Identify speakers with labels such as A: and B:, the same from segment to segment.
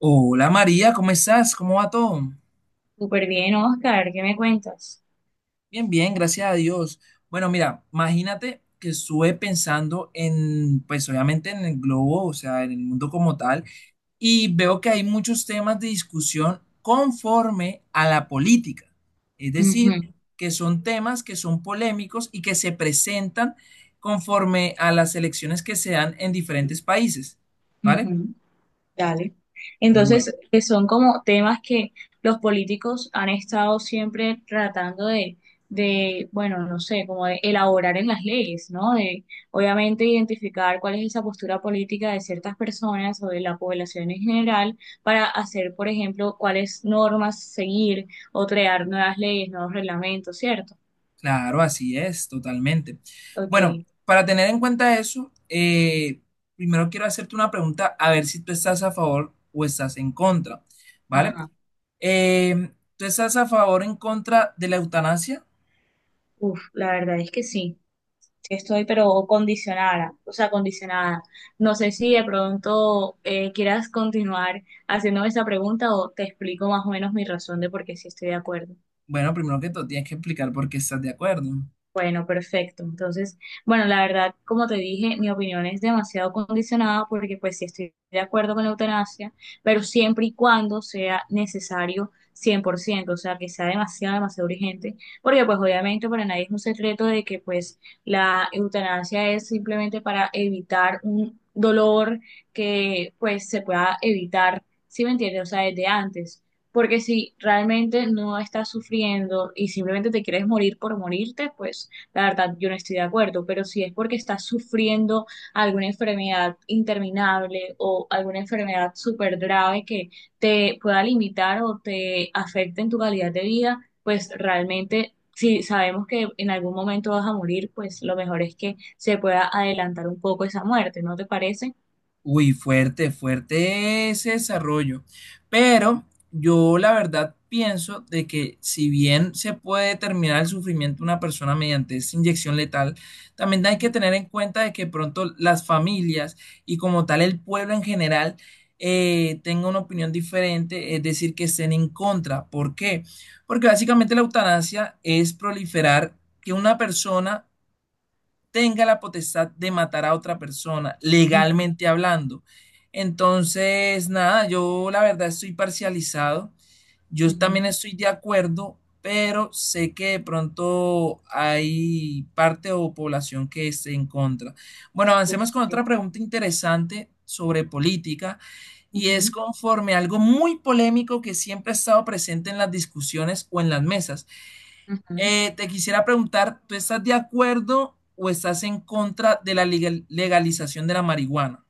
A: Hola María, ¿cómo estás? ¿Cómo va todo?
B: Súper bien, Oscar, ¿qué me cuentas?
A: Bien, bien, gracias a Dios. Bueno, mira, imagínate que estuve pensando en, pues obviamente en el globo, o sea, en el mundo como tal, y veo que hay muchos temas de discusión conforme a la política. Es decir,
B: Ujú,
A: que son temas que son polémicos y que se presentan conforme a las elecciones que se dan en diferentes países, ¿vale?
B: ujú, dale.
A: Bueno.
B: Entonces, que son como temas que los políticos han estado siempre tratando de, bueno, no sé, como de elaborar en las leyes, ¿no? De, obviamente, identificar cuál es esa postura política de ciertas personas o de la población en general para hacer, por ejemplo, cuáles normas seguir o crear nuevas leyes, nuevos reglamentos, ¿cierto?
A: Claro, así es, totalmente.
B: Ok,
A: Bueno, para tener en cuenta eso, primero quiero hacerte una pregunta a ver si tú estás a favor o estás en contra, ¿vale?
B: ajá.
A: Eh, ¿Tú estás a favor o en contra de la eutanasia?
B: Uf, la verdad es que sí. Sí estoy, pero condicionada, o sea, condicionada. No sé si de pronto quieras continuar haciéndome esa pregunta o te explico más o menos mi razón de por qué sí estoy de acuerdo.
A: Bueno, primero que todo, tienes que explicar por qué estás de acuerdo.
B: Bueno, perfecto. Entonces, bueno, la verdad, como te dije, mi opinión es demasiado condicionada porque pues sí estoy de acuerdo con la eutanasia, pero siempre y cuando sea necesario 100%, o sea, que sea demasiado, demasiado urgente, porque pues obviamente para nadie es un secreto de que pues la eutanasia es simplemente para evitar un dolor que pues se pueda evitar, ¿si me entiendes? O sea, desde antes. Porque si realmente no estás sufriendo y simplemente te quieres morir por morirte, pues la verdad yo no estoy de acuerdo. Pero si es porque estás sufriendo alguna enfermedad interminable o alguna enfermedad súper grave que te pueda limitar o te afecte en tu calidad de vida, pues realmente si sabemos que en algún momento vas a morir, pues lo mejor es que se pueda adelantar un poco esa muerte, ¿no te parece?
A: Uy, fuerte, fuerte ese desarrollo. Pero yo la verdad pienso de que si bien se puede determinar el sufrimiento de una persona mediante esta inyección letal, también hay que
B: Ujú,
A: tener en cuenta de que pronto las familias y como tal el pueblo en general tenga una opinión diferente, es decir, que estén en contra. ¿Por qué? Porque básicamente la eutanasia es proliferar que una persona tenga la potestad de matar a otra persona,
B: ujú,
A: legalmente hablando. Entonces, nada, yo la verdad estoy parcializado. Yo también
B: ujú.
A: estoy de acuerdo, pero sé que de pronto hay parte o población que esté en contra. Bueno,
B: Uf,
A: avancemos con
B: sí.
A: otra pregunta interesante sobre política y es
B: Ujú,
A: conforme a algo muy polémico que siempre ha estado presente en las discusiones o en las mesas.
B: ujú.
A: Te quisiera preguntar, ¿tú estás de acuerdo o estás en contra de la legalización de la marihuana?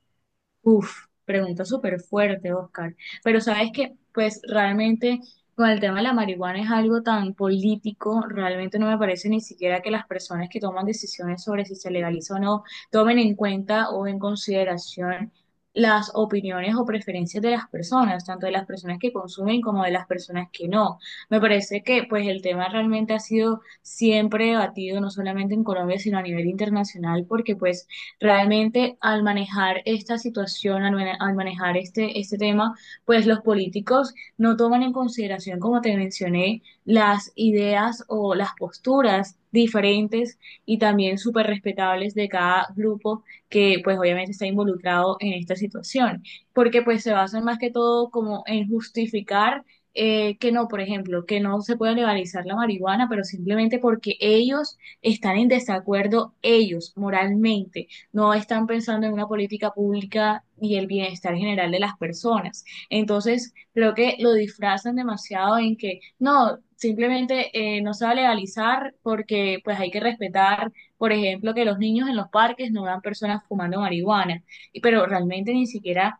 B: Uf, pregunta súper fuerte, Oscar. Pero sabes que, pues realmente con el tema de la marihuana es algo tan político, realmente no me parece ni siquiera que las personas que toman decisiones sobre si se legaliza o no tomen en cuenta o en consideración las opiniones o preferencias de las personas, tanto de las personas que consumen como de las personas que no. Me parece que pues el tema realmente ha sido siempre debatido, no solamente en Colombia, sino a nivel internacional, porque pues realmente al manejar esta situación, al manejar este tema, pues los políticos no toman en consideración, como te mencioné, las ideas o las posturas diferentes y también súper respetables de cada grupo que pues obviamente está involucrado en esta situación, porque pues se basan más que todo como en justificar que no, por ejemplo, que no se puede legalizar la marihuana, pero simplemente porque ellos están en desacuerdo, ellos moralmente no están pensando en una política pública y el bienestar general de las personas. Entonces, creo que lo disfrazan demasiado en que no, simplemente no se va a legalizar porque pues hay que respetar, por ejemplo, que los niños en los parques no vean personas fumando marihuana, pero realmente ni siquiera,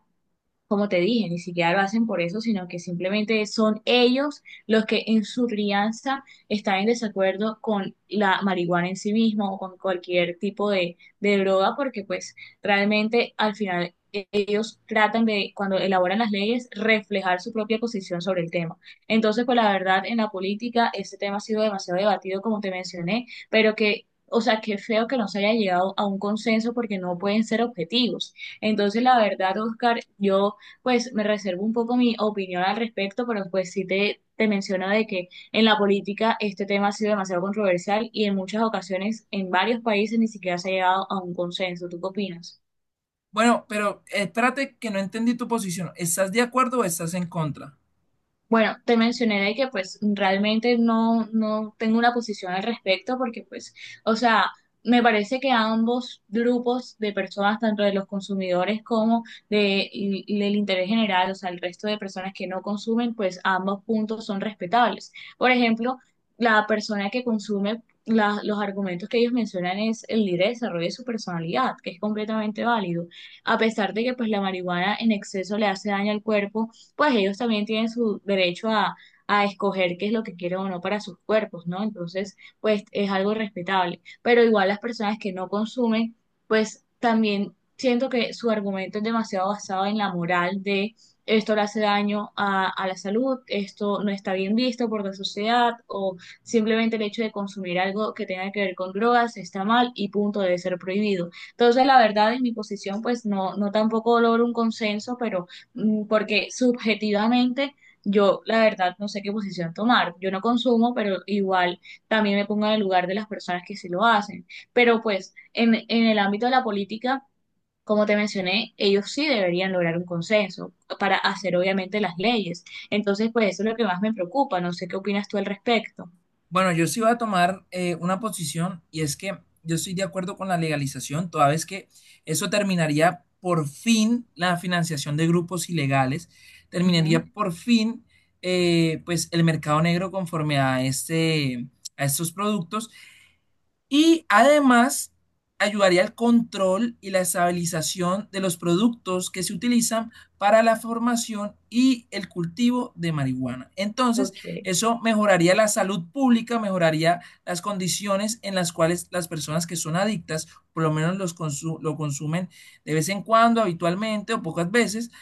B: como te dije, ni siquiera lo hacen por eso, sino que simplemente son ellos los que en su crianza están en desacuerdo con la marihuana en sí misma o con cualquier tipo de droga, porque pues realmente al final ellos tratan de, cuando elaboran las leyes, reflejar su propia posición sobre el tema. Entonces, pues la verdad, en la política, este tema ha sido demasiado debatido, como te mencioné, pero que, o sea, qué feo que no se haya llegado a un consenso porque no pueden ser objetivos. Entonces, la verdad, Oscar, yo pues me reservo un poco mi opinión al respecto, pero pues sí te menciono de que en la política este tema ha sido demasiado controversial y en muchas ocasiones en varios países ni siquiera se ha llegado a un consenso. ¿Tú qué opinas?
A: Bueno, pero espérate que no entendí tu posición. ¿Estás de acuerdo o estás en contra?
B: Bueno, te mencioné de que pues realmente no tengo una posición al respecto porque pues, o sea, me parece que ambos grupos de personas, tanto de los consumidores como de, y del interés general, o sea, el resto de personas que no consumen, pues ambos puntos son respetables. Por ejemplo, la persona que consume, los argumentos que ellos mencionan es el libre desarrollo de su personalidad, que es completamente válido. A pesar de que pues la marihuana en exceso le hace daño al cuerpo, pues ellos también tienen su derecho a escoger qué es lo que quieren o no para sus cuerpos, ¿no? Entonces, pues es algo respetable. Pero igual las personas que no consumen, pues también siento que su argumento es demasiado basado en la moral de esto le hace daño a la salud, esto no está bien visto por la sociedad o simplemente el hecho de consumir algo que tenga que ver con drogas está mal y punto, debe ser prohibido. Entonces, la verdad, en mi posición, pues no tampoco logro un consenso, pero porque subjetivamente yo la verdad no sé qué posición tomar. Yo no consumo, pero igual también me pongo en el lugar de las personas que sí lo hacen. Pero pues en el ámbito de la política, como te mencioné, ellos sí deberían lograr un consenso para hacer obviamente las leyes. Entonces, pues eso es lo que más me preocupa. No sé qué opinas tú al respecto.
A: Bueno, yo sí voy a tomar una posición y es que yo estoy de acuerdo con la legalización, toda vez que eso terminaría por fin la financiación de grupos ilegales,
B: Ujú.
A: terminaría por fin pues el mercado negro conforme a este, a estos productos. Y además ayudaría al control y la estabilización de los productos que se utilizan para la formación y el cultivo de marihuana. Entonces,
B: Ok,
A: eso mejoraría la salud pública, mejoraría las condiciones en las cuales las personas que son adictas, por lo menos lo consumen de vez en cuando, habitualmente o pocas veces,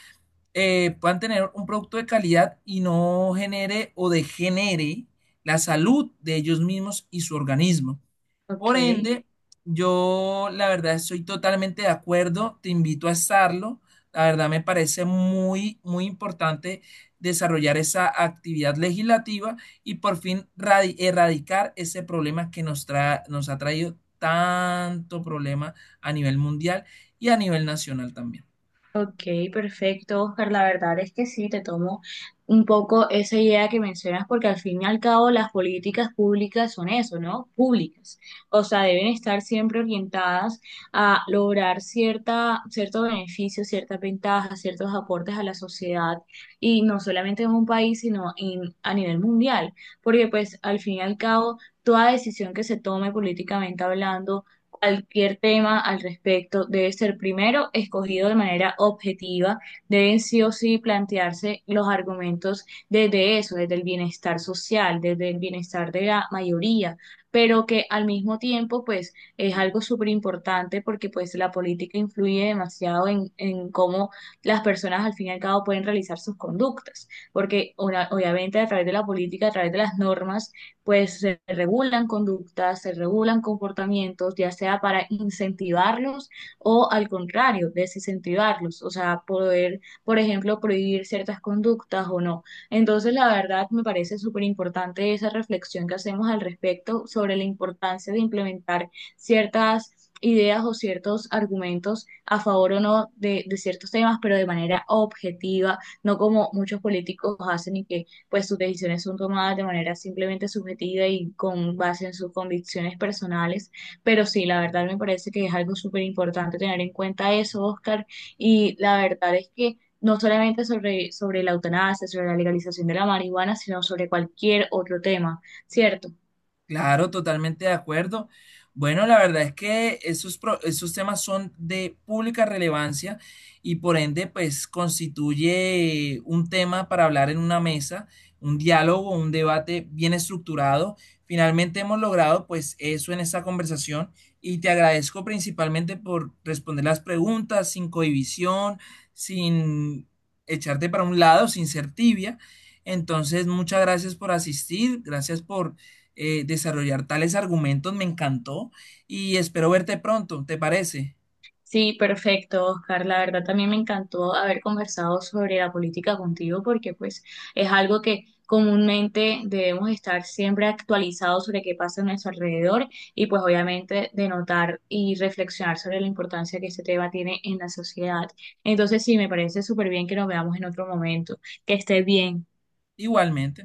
A: puedan tener un producto de calidad y no genere o degenere la salud de ellos mismos y su organismo.
B: ok.
A: Por ende, yo la verdad estoy totalmente de acuerdo, te invito a estarlo. La verdad me parece muy, muy importante desarrollar esa actividad legislativa y por fin erradicar ese problema que nos ha traído tanto problema a nivel mundial y a nivel nacional también.
B: Ok, perfecto, Oscar. La verdad es que sí, te tomo un poco esa idea que mencionas, porque al fin y al cabo las políticas públicas son eso, ¿no? Públicas. O sea, deben estar siempre orientadas a lograr cierto beneficio, ciertas ventajas, ciertos aportes a la sociedad, y no solamente en un país, a nivel mundial, porque pues al fin y al cabo, toda decisión que se tome políticamente hablando, cualquier tema al respecto debe ser primero escogido de manera objetiva, deben sí o sí plantearse los argumentos desde eso, desde el bienestar social, desde el bienestar de la mayoría, pero que al mismo tiempo pues es algo súper importante porque pues la política influye demasiado en cómo las personas al fin y al cabo pueden realizar sus conductas, porque una obviamente a través de la política, a través de las normas, pues se regulan conductas, se regulan comportamientos, ya sea para incentivarlos o al contrario, desincentivarlos, o sea, poder, por ejemplo, prohibir ciertas conductas o no. Entonces, la verdad, me parece súper importante esa reflexión que hacemos al respecto sobre la importancia de implementar ciertas ideas o ciertos argumentos a favor o no de ciertos temas, pero de manera objetiva, no como muchos políticos hacen y que pues sus decisiones son tomadas de manera simplemente subjetiva y con base en sus convicciones personales. Pero sí, la verdad me parece que es algo súper importante tener en cuenta eso, Oscar, y la verdad es que no solamente sobre la eutanasia, sobre la legalización de la marihuana, sino sobre cualquier otro tema, ¿cierto?
A: Claro, totalmente de acuerdo. Bueno, la verdad es que esos temas son de pública relevancia y por ende, pues constituye un tema para hablar en una mesa, un diálogo, un debate bien estructurado. Finalmente hemos logrado pues eso en esta conversación y te agradezco principalmente por responder las preguntas sin cohibición, sin echarte para un lado, sin ser tibia. Entonces, muchas gracias por asistir, gracias por desarrollar tales argumentos. Me encantó y espero verte pronto, ¿te parece?
B: Sí, perfecto, Oscar. La verdad también me encantó haber conversado sobre la política contigo porque pues es algo que comúnmente debemos estar siempre actualizados sobre qué pasa a nuestro alrededor y pues obviamente de notar y reflexionar sobre la importancia que este tema tiene en la sociedad. Entonces sí, me parece súper bien que nos veamos en otro momento. Que estés bien.
A: Igualmente.